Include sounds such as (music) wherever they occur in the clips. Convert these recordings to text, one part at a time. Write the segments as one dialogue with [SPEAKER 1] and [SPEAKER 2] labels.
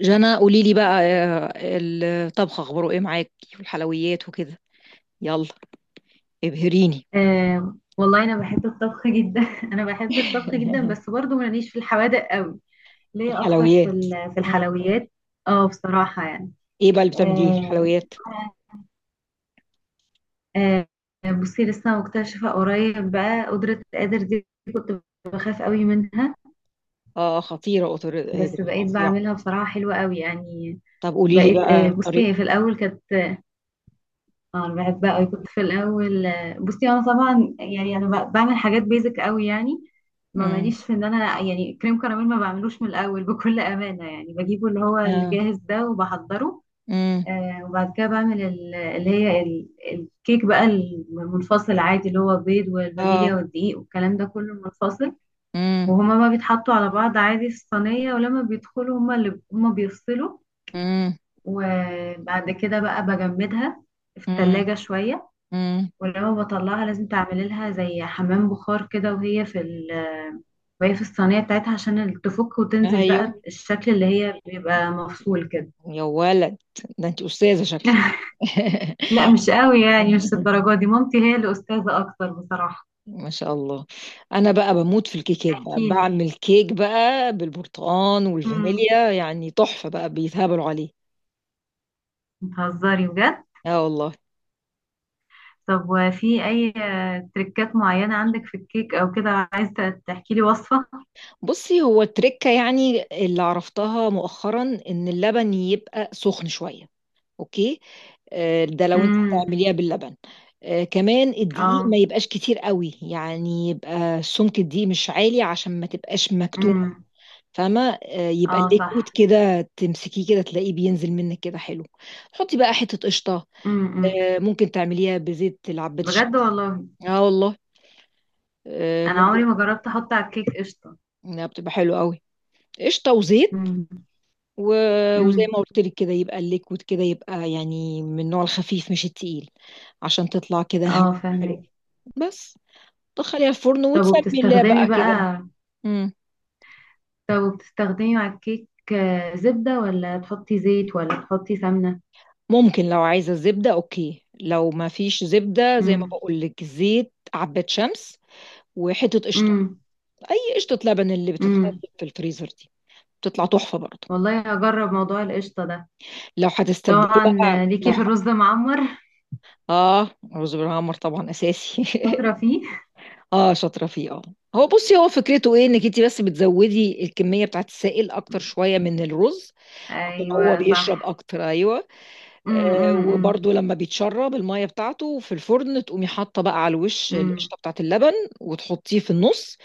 [SPEAKER 1] جنى، قولي لي بقى الطبخ اخباره ايه معاكي والحلويات وكده؟ يلا ابهريني.
[SPEAKER 2] آه، والله انا بحب الطبخ جدا. (laughs) انا بحب الطبخ جدا،
[SPEAKER 1] (laughs)
[SPEAKER 2] بس برضو ماليش في الحوادق قوي. ليا اكتر في
[SPEAKER 1] الحلويات.
[SPEAKER 2] في
[SPEAKER 1] مم.
[SPEAKER 2] الحلويات. اه، بصراحة يعني.
[SPEAKER 1] ايه بقى اللي بتعمليه في
[SPEAKER 2] آه.
[SPEAKER 1] الحلويات؟
[SPEAKER 2] آه. بصي، لسه مكتشفة قريب بقى قدرة القادر دي. كنت بخاف قوي منها،
[SPEAKER 1] اه، خطيره قطر هذه،
[SPEAKER 2] بس بقيت
[SPEAKER 1] فظيعه.
[SPEAKER 2] بعملها، بصراحة حلوة قوي يعني.
[SPEAKER 1] طب قولي لي
[SPEAKER 2] بقيت
[SPEAKER 1] بقى
[SPEAKER 2] بصي، هي
[SPEAKER 1] الطريقه.
[SPEAKER 2] في الاول كانت. اه، انا بحبها قوي، كنت في الاول. بصي انا طبعا يعني، انا بعمل حاجات بيزك قوي يعني. ما
[SPEAKER 1] مم.
[SPEAKER 2] ماليش في ان انا يعني كريم كراميل ما بعملوش من الاول. (laughs) بكل امانه يعني، بجيبه اللي هو
[SPEAKER 1] آه.
[SPEAKER 2] الجاهز ده وبحضره.
[SPEAKER 1] مم.
[SPEAKER 2] وبعد كده بعمل اللي هي الكيك بقى المنفصل، عادي اللي هو بيض والفانيليا
[SPEAKER 1] اه.
[SPEAKER 2] والدقيق والكلام ده كله منفصل.
[SPEAKER 1] مم.
[SPEAKER 2] وهما ما بيتحطوا على بعض عادي في الصينيه، ولما بيدخلوا هما اللي هما بيفصلوا.
[SPEAKER 1] مم.
[SPEAKER 2] وبعد كده بقى بجمدها في
[SPEAKER 1] مم.
[SPEAKER 2] التلاجة شوية.
[SPEAKER 1] مم.
[SPEAKER 2] ولما بطلعها لازم تعملي لها زي حمام بخار كده، وهي في الصينية بتاعتها، عشان تفك وتنزل بقى
[SPEAKER 1] ايوه.
[SPEAKER 2] بالشكل اللي هي بيبقى مفصول كده.
[SPEAKER 1] يا ولد، ده انت استاذه شكلك!
[SPEAKER 2] (laughs)
[SPEAKER 1] (laughs)
[SPEAKER 2] لا، مش قوي يعني، مش الدرجة دي. مامتي هي اللي أستاذة أكتر بصراحة.
[SPEAKER 1] ما شاء الله. انا بقى بموت في الكيكات، بقى
[SPEAKER 2] احكي لي.
[SPEAKER 1] بعمل كيك بقى بالبرتقال
[SPEAKER 2] امم
[SPEAKER 1] والفانيليا يعني تحفة، بقى بيتهبلوا عليه.
[SPEAKER 2] بتهزري بجد؟
[SPEAKER 1] اه والله.
[SPEAKER 2] طب وفي أي تريكات معينة عندك في الكيك أو كده؟ عايزة تحكي لي وصفة.
[SPEAKER 1] بصي، هو التركة يعني اللي عرفتها مؤخرا ان اللبن يبقى سخن شوية. اوكي. ده لو انت
[SPEAKER 2] امم.
[SPEAKER 1] هتعمليها باللبن. كمان الدقيق ما
[SPEAKER 2] اه.
[SPEAKER 1] يبقاش كتير قوي، يعني يبقى سمك الدقيق مش عالي عشان ما تبقاش مكتومة.
[SPEAKER 2] امم.
[SPEAKER 1] فاهمة؟ يبقى
[SPEAKER 2] اه،
[SPEAKER 1] الليكويد
[SPEAKER 2] صح.
[SPEAKER 1] كده تمسكيه كده تلاقيه بينزل منك كده حلو. حطي بقى حتة قشطة.
[SPEAKER 2] امم.
[SPEAKER 1] ممكن تعمليها بزيت العباد
[SPEAKER 2] بجد
[SPEAKER 1] الشمس.
[SPEAKER 2] والله.
[SPEAKER 1] اه والله.
[SPEAKER 2] أنا
[SPEAKER 1] ممكن،
[SPEAKER 2] عمري ما جربت أحط على الكيك قشطة.
[SPEAKER 1] انها بتبقى حلوة قوي. قشطة وزيت
[SPEAKER 2] امم.
[SPEAKER 1] و... وزي
[SPEAKER 2] امم.
[SPEAKER 1] ما قلت لك كده يبقى الليكويد كده يبقى يعني من النوع الخفيف مش التقيل. عشان تطلع كده
[SPEAKER 2] اه،
[SPEAKER 1] حلو
[SPEAKER 2] فاهمك.
[SPEAKER 1] بس. تدخليها الفرن
[SPEAKER 2] طب
[SPEAKER 1] وتسمي الله
[SPEAKER 2] وبتستخدمي
[SPEAKER 1] بقى كده.
[SPEAKER 2] بقى
[SPEAKER 1] مم.
[SPEAKER 2] طب وبتستخدمي مع الكيك زبدة ولا تحطي زيت ولا تحطي سمنة؟
[SPEAKER 1] ممكن، لو عايزة زبدة اوكي، لو ما فيش زبدة زي ما
[SPEAKER 2] امم.
[SPEAKER 1] بقول لك زيت عباد شمس وحتة قشطة.
[SPEAKER 2] امم.
[SPEAKER 1] أي قشطة، لبن اللي بتتخزن
[SPEAKER 2] امم
[SPEAKER 1] في الفريزر دي، بتطلع تحفة برضه.
[SPEAKER 2] والله هجرب موضوع القشطة ده.
[SPEAKER 1] لو هتستبدلي
[SPEAKER 2] طبعا،
[SPEAKER 1] بقى،
[SPEAKER 2] ليكي
[SPEAKER 1] لو
[SPEAKER 2] في الرز معمر. (laughs)
[SPEAKER 1] اه، رز بالعمر طبعا أساسي.
[SPEAKER 2] شاطرة فيه.
[SPEAKER 1] (laughs) اه، شاطرة فيه اه. هو بصي، هو فكرته ايه انك انت بس بتزودي الكمية بتاعت السائل اكتر شوية من الرز. عشان
[SPEAKER 2] ايوه
[SPEAKER 1] هو بيشرب
[SPEAKER 2] صح.
[SPEAKER 1] اكتر، ايوه.
[SPEAKER 2] امم. امم.
[SPEAKER 1] وبرده لما بيتشرب الميه بتاعته في الفرن، تقومي حاطه بقى على الوش
[SPEAKER 2] امم.
[SPEAKER 1] القشطه بتاعت اللبن، وتحطيه في النص،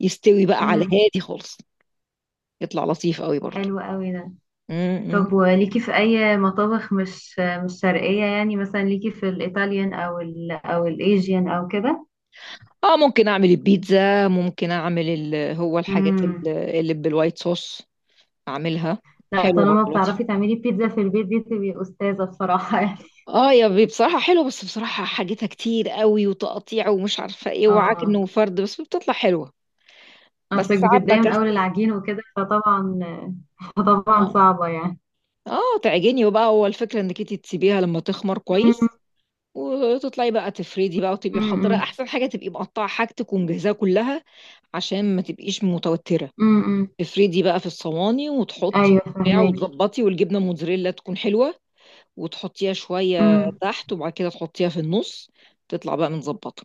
[SPEAKER 1] يستوي بقى على
[SPEAKER 2] امم
[SPEAKER 1] الهادي خالص، يطلع لطيف قوي
[SPEAKER 2] حلو قوي ده.
[SPEAKER 1] برده.
[SPEAKER 2] طب وليكي في اي مطابخ مش شرقية يعني، مثلا ليكي في الايطاليان او الايجيان او كده؟
[SPEAKER 1] اه، ممكن اعمل البيتزا، ممكن اعمل هو الحاجات
[SPEAKER 2] مم.
[SPEAKER 1] اللي بالوايت صوص اعملها.
[SPEAKER 2] لا،
[SPEAKER 1] حلوه برضه
[SPEAKER 2] طالما
[SPEAKER 1] لطيف.
[SPEAKER 2] بتعرفي تعملي بيتزا في البيت دي تبقي أستاذة بصراحة. (laughs) يعني
[SPEAKER 1] اه يا بي، بصراحه حلوه بس بصراحه حاجتها كتير قوي، وتقطيع ومش عارفه ايه وعجن
[SPEAKER 2] اه،
[SPEAKER 1] وفرد، بس بتطلع حلوه. بس
[SPEAKER 2] اصلك
[SPEAKER 1] ساعات
[SPEAKER 2] بتتضايقي من اول
[SPEAKER 1] بكسل.
[SPEAKER 2] العجين وكده فطبعا
[SPEAKER 1] اه
[SPEAKER 2] صعبة يعني.
[SPEAKER 1] اه، تعجني وبقى هو الفكره انك انت تسيبيها لما تخمر
[SPEAKER 2] أمم.
[SPEAKER 1] كويس، وتطلعي بقى تفردي بقى، وتبقي محضره
[SPEAKER 2] أمم.
[SPEAKER 1] احسن حاجه، تبقي مقطعه حاجتك ومجهزاها كلها. عشان ما تبقيش متوتره.
[SPEAKER 2] أمم.
[SPEAKER 1] تفردي بقى في الصواني وتحطي
[SPEAKER 2] ايوه،
[SPEAKER 1] بتاع
[SPEAKER 2] فهماكي.
[SPEAKER 1] وتظبطي، والجبنه موتزاريلا تكون حلوه، وتحطيها شويه
[SPEAKER 2] أمم.
[SPEAKER 1] تحت وبعد كده تحطيها في النص، تطلع بقى متظبطه.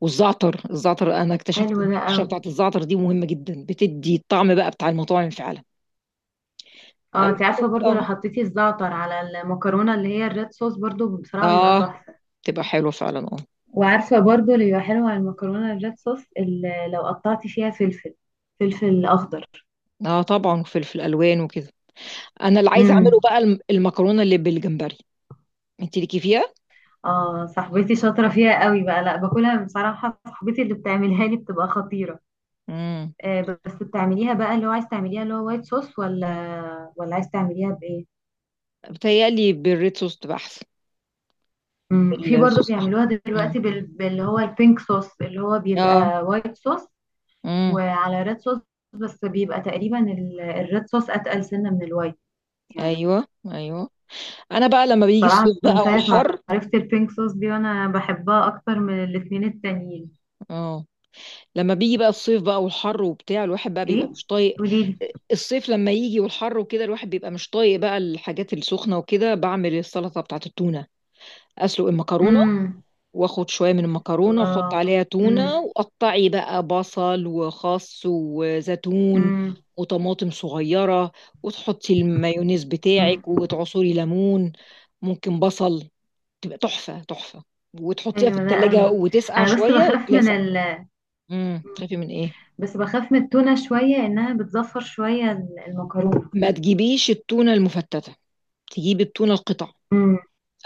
[SPEAKER 1] والزعتر، الزعتر انا اكتشفت
[SPEAKER 2] حلو
[SPEAKER 1] ان
[SPEAKER 2] ده
[SPEAKER 1] الرشه
[SPEAKER 2] قوي.
[SPEAKER 1] بتاعت الزعتر دي مهمه جدا، بتدي الطعم بقى بتاع المطاعم فعلا. اهم
[SPEAKER 2] اه، انت
[SPEAKER 1] حاجه،
[SPEAKER 2] عارفة برضو لو
[SPEAKER 1] اه.
[SPEAKER 2] حطيتي الزعتر على المكرونة اللي هي الريد صوص برضو بصراحة بيبقى
[SPEAKER 1] اه،
[SPEAKER 2] تحفة.
[SPEAKER 1] تبقى حلوه فعلا اه.
[SPEAKER 2] وعارفة برضو اللي بيبقى حلو على المكرونة الريد صوص اللي لو قطعتي فيها فلفل. فلفل اخضر.
[SPEAKER 1] اه طبعا، وفلفل الوان وكده. انا اللي عايزه اعمله بقى المكرونه اللي بالجمبري. انت ليكي فيها؟
[SPEAKER 2] اه، صاحبتي شاطرة فيها قوي بقى، لا باكلها بصراحة، صاحبتي اللي بتعملها لي بتبقى خطيرة.
[SPEAKER 1] امم،
[SPEAKER 2] آه، بس بتعمليها بقى اللي هو عايز تعمليها اللي هو وايت صوص ولا عايز تعمليها بإيه؟
[SPEAKER 1] بتهيألي بالريد صوص تبقى احسن.
[SPEAKER 2] في برضو
[SPEAKER 1] الصوص احمر.
[SPEAKER 2] بيعملوها دلوقتي
[SPEAKER 1] امم.
[SPEAKER 2] باللي هو البينك صوص، اللي هو
[SPEAKER 1] اه.
[SPEAKER 2] بيبقى وايت صوص
[SPEAKER 1] امم.
[SPEAKER 2] وعلى ريد صوص. بس بيبقى تقريبا الريد صوص أتقل سنة من الوايت يعني.
[SPEAKER 1] ايوه. ايوه. انا بقى لما بيجي الصيف
[SPEAKER 2] بصراحة
[SPEAKER 1] بقى
[SPEAKER 2] من ساعة ما
[SPEAKER 1] والحر.
[SPEAKER 2] عرفت البينك صوص دي وانا بحبها اكتر من الاتنين التانيين.
[SPEAKER 1] اه، لما بيجي بقى الصيف بقى والحر وبتاع، الواحد بقى بيبقى
[SPEAKER 2] ايه؟
[SPEAKER 1] مش طايق.
[SPEAKER 2] قوليلي.
[SPEAKER 1] الصيف لما يجي والحر وكده، الواحد بيبقى مش طايق بقى الحاجات السخنه وكده، بعمل السلطه بتاعت التونه. اسلق المكرونه،
[SPEAKER 2] امم
[SPEAKER 1] واخد شويه من المكرونه واحط
[SPEAKER 2] الله.
[SPEAKER 1] عليها تونه، وقطعي بقى بصل وخس وزيتون
[SPEAKER 2] امم
[SPEAKER 1] وطماطم صغيره، وتحطي المايونيز
[SPEAKER 2] امم
[SPEAKER 1] بتاعك وتعصري ليمون. ممكن بصل، تبقى تحفة تحفة. وتحطيها في
[SPEAKER 2] حلو ده
[SPEAKER 1] التلاجة
[SPEAKER 2] قوي.
[SPEAKER 1] وتسقع
[SPEAKER 2] انا بس
[SPEAKER 1] شوية
[SPEAKER 2] بخاف من
[SPEAKER 1] تلاسع. امم،
[SPEAKER 2] مم.
[SPEAKER 1] تخافي من ايه؟
[SPEAKER 2] بس بخاف من التونة شوية، انها بتزفر شوية. المكرونة.
[SPEAKER 1] ما تجيبيش التونة المفتتة، تجيبي التونة القطع
[SPEAKER 2] امم.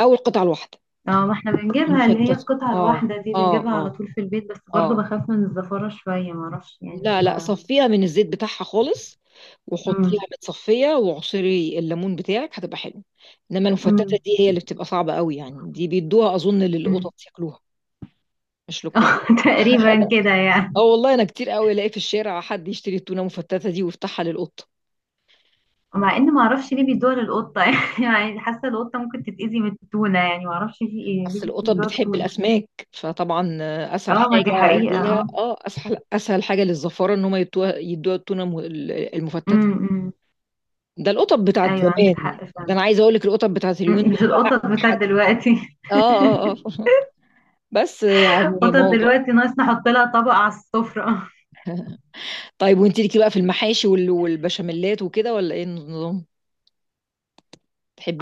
[SPEAKER 1] او القطع الواحدة.
[SPEAKER 2] اه، ما احنا بنجيبها اللي هي
[SPEAKER 1] المفتتة،
[SPEAKER 2] القطعة
[SPEAKER 1] اه
[SPEAKER 2] الواحدة دي،
[SPEAKER 1] اه
[SPEAKER 2] بنجيبها على
[SPEAKER 1] اه.
[SPEAKER 2] طول في البيت، بس برضو
[SPEAKER 1] اه.
[SPEAKER 2] بخاف من الزفارة شوية، ما اعرفش يعني
[SPEAKER 1] لا لا،
[SPEAKER 2] ما.
[SPEAKER 1] صفيها من الزيت بتاعها خالص، وحطيها
[SPEAKER 2] امم.
[SPEAKER 1] متصفية وعصري الليمون بتاعك، هتبقى حلو. انما المفتتة
[SPEAKER 2] امم.
[SPEAKER 1] دي هي اللي بتبقى صعبة قوي، يعني دي بيدوها اظن
[SPEAKER 2] امم.
[SPEAKER 1] للقطط ياكلوها، مش
[SPEAKER 2] (laughs)
[SPEAKER 1] للكبار.
[SPEAKER 2] اه، تقريبا
[SPEAKER 1] (laughs)
[SPEAKER 2] كده
[SPEAKER 1] اه
[SPEAKER 2] يعني.
[SPEAKER 1] والله، انا كتير قوي الاقي في الشارع حد يشتري التونة المفتتة دي ويفتحها للقط.
[SPEAKER 2] مع ان ما اعرفش ليه بيدوها للقطة. (laughs) يعني حاسة القطة ممكن تتأذي من التونة، يعني ما اعرفش في ايه ليه
[SPEAKER 1] أصل القطط
[SPEAKER 2] بيدوها
[SPEAKER 1] بتحب
[SPEAKER 2] التونة.
[SPEAKER 1] الأسماك، فطبعا أسهل
[SPEAKER 2] اه، ما دي
[SPEAKER 1] حاجة
[SPEAKER 2] حقيقة.
[SPEAKER 1] ليها،
[SPEAKER 2] اه.
[SPEAKER 1] اه، أسهل أسهل حاجة للزفارة إن هم يدوها يدوها التونة المفتتة.
[SPEAKER 2] امم. أمم.
[SPEAKER 1] ده القطط بتاعت
[SPEAKER 2] ايوه، عندك
[SPEAKER 1] زمان.
[SPEAKER 2] حق
[SPEAKER 1] ده
[SPEAKER 2] فعلا.
[SPEAKER 1] أنا عايزة أقول لك القطط بتاعت اليومين دول
[SPEAKER 2] مش
[SPEAKER 1] بقى.
[SPEAKER 2] القطط بتاعت
[SPEAKER 1] حد،
[SPEAKER 2] دلوقتي.
[SPEAKER 1] اه اه اه. (laughs) بس
[SPEAKER 2] (laughs)
[SPEAKER 1] يعني
[SPEAKER 2] القطط
[SPEAKER 1] موضوع.
[SPEAKER 2] دلوقتي ناقص نحط لها طبق على السفرة.
[SPEAKER 1] طيب، وانت ليكي بقى في المحاشي والبشاميلات وكده، ولا ايه النظام؟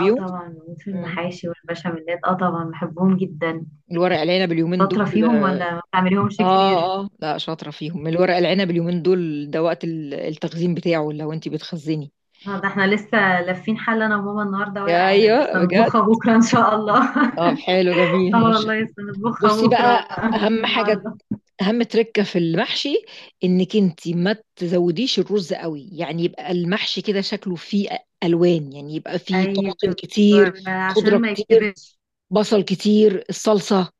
[SPEAKER 2] اه طبعا، بموت في
[SPEAKER 1] مم.
[SPEAKER 2] المحاشي والبشاميلات. اه طبعا بحبهم جدا.
[SPEAKER 1] الورق العنب اليومين دول،
[SPEAKER 2] شاطرة فيهم ولا ما بتعمليهمش كتير؟
[SPEAKER 1] اه اه، لا شاطرة فيهم. الورق العنب اليومين دول ده وقت التخزين بتاعه، لو انت بتخزني.
[SPEAKER 2] آه، ده احنا لسه لافين حل انا وماما النهارده ورق عنب،
[SPEAKER 1] ايوه
[SPEAKER 2] بس هنطبخها
[SPEAKER 1] بجد.
[SPEAKER 2] بكره ان شاء الله.
[SPEAKER 1] طب
[SPEAKER 2] (laughs)
[SPEAKER 1] حلو جميل،
[SPEAKER 2] اه
[SPEAKER 1] هنشف.
[SPEAKER 2] والله، لسه هنطبخها
[SPEAKER 1] بصي
[SPEAKER 2] بكره
[SPEAKER 1] بقى،
[SPEAKER 2] بقى، مش
[SPEAKER 1] اهم حاجه،
[SPEAKER 2] النهارده.
[SPEAKER 1] اهم تركه في المحشي انك انت ما تزوديش الرز قوي، يعني يبقى المحشي كده شكله فيه الوان، يعني يبقى فيه طماطم
[SPEAKER 2] ايوه،
[SPEAKER 1] كتير، خضره
[SPEAKER 2] عشان ما
[SPEAKER 1] كتير،
[SPEAKER 2] يتكبرش.
[SPEAKER 1] بصل كتير، الصلصه،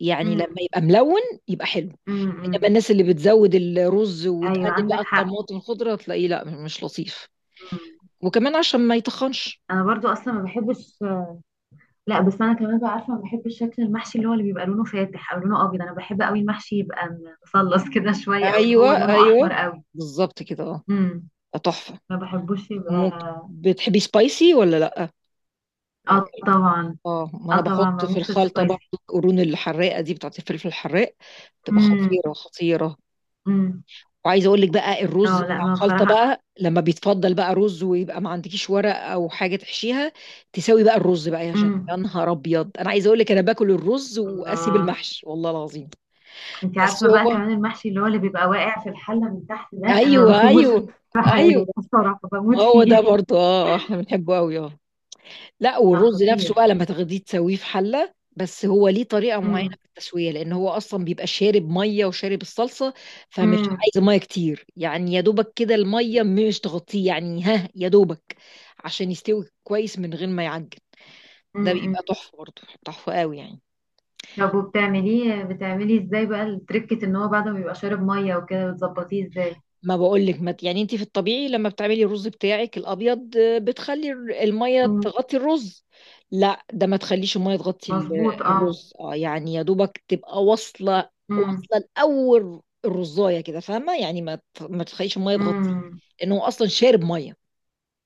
[SPEAKER 1] يعني
[SPEAKER 2] امم.
[SPEAKER 1] لما يبقى ملون يبقى حلو.
[SPEAKER 2] امم.
[SPEAKER 1] انما
[SPEAKER 2] أمم.
[SPEAKER 1] الناس اللي بتزود الرز
[SPEAKER 2] ايوه،
[SPEAKER 1] وتقلل بقى
[SPEAKER 2] عندك حق.
[SPEAKER 1] الطماطم الخضره، تلاقيه لا مش لطيف،
[SPEAKER 2] أمم.
[SPEAKER 1] وكمان عشان ما يتخنش.
[SPEAKER 2] انا برضو اصلا ما بحبش. لا، بس انا كمان بقى عارفه، ما بحبش شكل المحشي اللي هو اللي بيبقى لونه فاتح او لونه ابيض، انا بحب قوي المحشي يبقى مصلص كده شويه، او اللي
[SPEAKER 1] ايوه
[SPEAKER 2] هو لونه احمر
[SPEAKER 1] ايوه،
[SPEAKER 2] قوي.
[SPEAKER 1] بالظبط كده،
[SPEAKER 2] امم
[SPEAKER 1] اه تحفه.
[SPEAKER 2] ما بحبوش يبقى.
[SPEAKER 1] ممكن، بتحبي سبايسي ولا لا؟
[SPEAKER 2] اه طبعا.
[SPEAKER 1] اه، ما
[SPEAKER 2] اه
[SPEAKER 1] انا
[SPEAKER 2] طبعا،
[SPEAKER 1] بحط في
[SPEAKER 2] بموت في
[SPEAKER 1] الخلطه برضه
[SPEAKER 2] السبايسي.
[SPEAKER 1] القرون الحراقه دي بتاعت الفلفل الحراق. بتبقى
[SPEAKER 2] امم.
[SPEAKER 1] خطيره خطيره.
[SPEAKER 2] امم.
[SPEAKER 1] وعايزه اقول لك بقى، الرز
[SPEAKER 2] اه لا،
[SPEAKER 1] بتاع
[SPEAKER 2] ما
[SPEAKER 1] الخلطه
[SPEAKER 2] بصراحه.
[SPEAKER 1] بقى لما بيتفضل بقى رز ويبقى ما عندكيش ورق او حاجه تحشيها، تساوي بقى الرز بقى، يا جنة
[SPEAKER 2] امم
[SPEAKER 1] يا نهار ابيض، انا عايزه اقول لك انا باكل الرز واسيب
[SPEAKER 2] الله.
[SPEAKER 1] المحشي والله العظيم.
[SPEAKER 2] انت
[SPEAKER 1] بس
[SPEAKER 2] عارفه بقى
[SPEAKER 1] هو،
[SPEAKER 2] كمان المحشي اللي هو اللي بيبقى واقع في الحله من تحت ده انا ما
[SPEAKER 1] ايوه
[SPEAKER 2] بسيبوش.
[SPEAKER 1] ايوه
[SPEAKER 2] في
[SPEAKER 1] (laughs) ايوه.
[SPEAKER 2] حاله ده بصراحه
[SPEAKER 1] ما
[SPEAKER 2] بموت
[SPEAKER 1] هو ده
[SPEAKER 2] فيه.
[SPEAKER 1] برضه اه. احنا بنحبه قوي اه. لا،
[SPEAKER 2] لا
[SPEAKER 1] والرز نفسه بقى
[SPEAKER 2] خطير.
[SPEAKER 1] لما تاخديه تسويه في حله، بس هو ليه طريقه معينه
[SPEAKER 2] امم.
[SPEAKER 1] في التسويه لان هو اصلا بيبقى شارب ميه وشارب الصلصه. فمش
[SPEAKER 2] امم.
[SPEAKER 1] عايز ميه كتير، يعني يا دوبك كده الميه مش تغطيه، يعني ها يا دوبك، عشان يستوي كويس من غير ما يعجن. ده
[SPEAKER 2] امم
[SPEAKER 1] بيبقى تحفه برضه، تحفه قوي يعني.
[SPEAKER 2] طب وبتعمليه، بتعملي ازاي بقى التركة ان هو بعد ما بيبقى شارب مية وكده بتظبطيه ازاي؟
[SPEAKER 1] ما بقولك، ما يعني انت في الطبيعي لما بتعملي الرز بتاعك الابيض، بتخلي الميه
[SPEAKER 2] مم.
[SPEAKER 1] تغطي الرز. لا، ده ما تخليش الميه تغطي
[SPEAKER 2] مظبوط اه.
[SPEAKER 1] الرز، اه يعني يا دوبك تبقى واصله،
[SPEAKER 2] امم.
[SPEAKER 1] واصله لاول الرزايه كده، فاهمه يعني، ما تخليش الميه تغطيه.
[SPEAKER 2] امم.
[SPEAKER 1] لانه هو اصلا شارب ميه.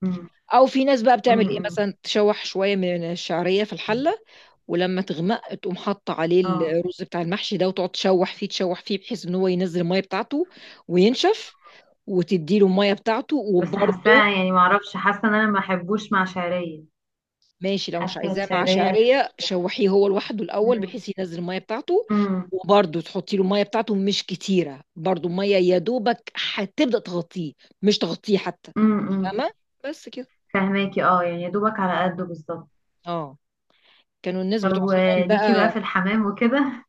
[SPEAKER 2] امم.
[SPEAKER 1] او في ناس بقى بتعمل ايه،
[SPEAKER 2] امم
[SPEAKER 1] مثلا تشوح شويه من الشعريه في الحله، ولما تغمق تقوم حاطه عليه
[SPEAKER 2] اه.
[SPEAKER 1] الرز بتاع المحشي ده، وتقعد تشوح فيه تشوح فيه بحيث ان هو ينزل الميه بتاعته وينشف، وتدي له الميه بتاعته
[SPEAKER 2] بس
[SPEAKER 1] وبرده.
[SPEAKER 2] حاساها يعني معرفش، حاسة ان انا ما احبوش مع شعرية.
[SPEAKER 1] ماشي، لو مش
[SPEAKER 2] حاسة
[SPEAKER 1] عايزاه مع
[SPEAKER 2] شعرية.
[SPEAKER 1] شعريه شوحيه هو لوحده الاول
[SPEAKER 2] امم.
[SPEAKER 1] بحيث ينزل الميه بتاعته،
[SPEAKER 2] امم.
[SPEAKER 1] وبرده تحطي له الميه بتاعته، مش كتيره برده، الميه يا دوبك هتبدا تغطيه، مش تغطيه حتى،
[SPEAKER 2] امم.
[SPEAKER 1] فاهمه؟ بس كده.
[SPEAKER 2] فهماكي اه، يعني يا دوبك على قده بالظبط.
[SPEAKER 1] اه، كانوا الناس
[SPEAKER 2] طب
[SPEAKER 1] بتوع زمان
[SPEAKER 2] وليكي بقى في
[SPEAKER 1] بقى.
[SPEAKER 2] الحمام وكده؟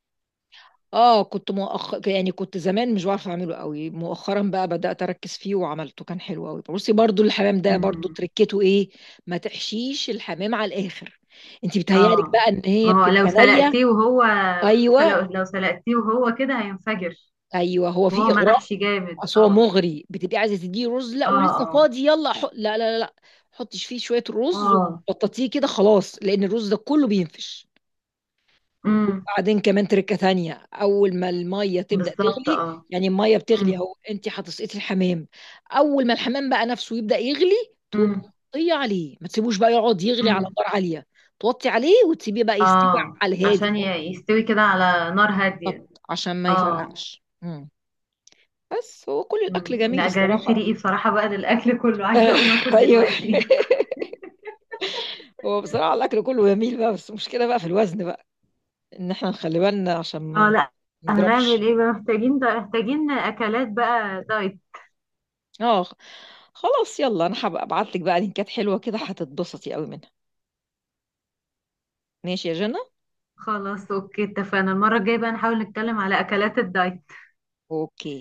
[SPEAKER 1] اه، كنت يعني كنت زمان مش بعرف اعمله قوي، مؤخرا بقى بدأت اركز فيه وعملته، كان حلو قوي. بصي برضو الحمام ده برضو
[SPEAKER 2] امم
[SPEAKER 1] تركته ايه. ما تحشيش الحمام على الاخر، انت بتهيألك
[SPEAKER 2] اه،
[SPEAKER 1] بقى ان هي
[SPEAKER 2] ما هو
[SPEAKER 1] بتبقى نية. ايوه
[SPEAKER 2] لو سلقتيه وهو كده هينفجر.
[SPEAKER 1] ايوه، هو
[SPEAKER 2] وهو
[SPEAKER 1] في اغراء.
[SPEAKER 2] محشي جامد
[SPEAKER 1] اصل هو
[SPEAKER 2] اه.
[SPEAKER 1] مغري، بتبقي عايزه تديه رز، لا
[SPEAKER 2] اه.
[SPEAKER 1] ولسه
[SPEAKER 2] اه.
[SPEAKER 1] فاضي يلا حط. لا لا لا لا. حطش فيه شويه رز،
[SPEAKER 2] اه.
[SPEAKER 1] وبططيه كده خلاص لان الرز ده كله بينفش.
[SPEAKER 2] امم
[SPEAKER 1] بعدين كمان تركة تانية، أول ما المية تبدأ
[SPEAKER 2] بالظبط
[SPEAKER 1] تغلي،
[SPEAKER 2] اه.
[SPEAKER 1] يعني المية بتغلي
[SPEAKER 2] امم.
[SPEAKER 1] أهو، أنت هتسقطي الحمام. أول ما الحمام بقى نفسه يبدأ يغلي، تقوم
[SPEAKER 2] امم.
[SPEAKER 1] توطي عليه، ما تسيبوش بقى يقعد يغلي على
[SPEAKER 2] امم
[SPEAKER 1] نار عالية. توطي عليه وتسيبيه بقى يستوي
[SPEAKER 2] اه.
[SPEAKER 1] على الهادي
[SPEAKER 2] عشان
[SPEAKER 1] خالص.
[SPEAKER 2] يستوي كده على نار هادية.
[SPEAKER 1] بالظبط، عشان ما
[SPEAKER 2] اه.
[SPEAKER 1] يفرقعش. مم. بس هو كل الأكل جميل
[SPEAKER 2] لا، جريت
[SPEAKER 1] الصراحة.
[SPEAKER 2] ريقي بصراحة بقى للأكل كله، عايزة أقوم
[SPEAKER 1] (laughs)
[SPEAKER 2] أكل
[SPEAKER 1] أيوه.
[SPEAKER 2] دلوقتي. (laughs)
[SPEAKER 1] (laughs) هو بصراحة الأكل كله جميل بقى، بس المشكلة بقى في الوزن بقى، إن إحنا نخلي بالنا عشان
[SPEAKER 2] اه
[SPEAKER 1] ما
[SPEAKER 2] لا، هنعمل
[SPEAKER 1] نضربش.
[SPEAKER 2] ايه بقى، محتاجين ده، محتاجين اكلات بقى دايت.
[SPEAKER 1] اه، خلاص يلا، انا هبقى ابعت لك بقى لينكات حلوه كده هتتبسطي قوي منها. ماشي يا جنى.
[SPEAKER 2] خلاص أوكي، اتفقنا المرة الجاية بقى نحاول نتكلم على أكلات الدايت.
[SPEAKER 1] اوكي.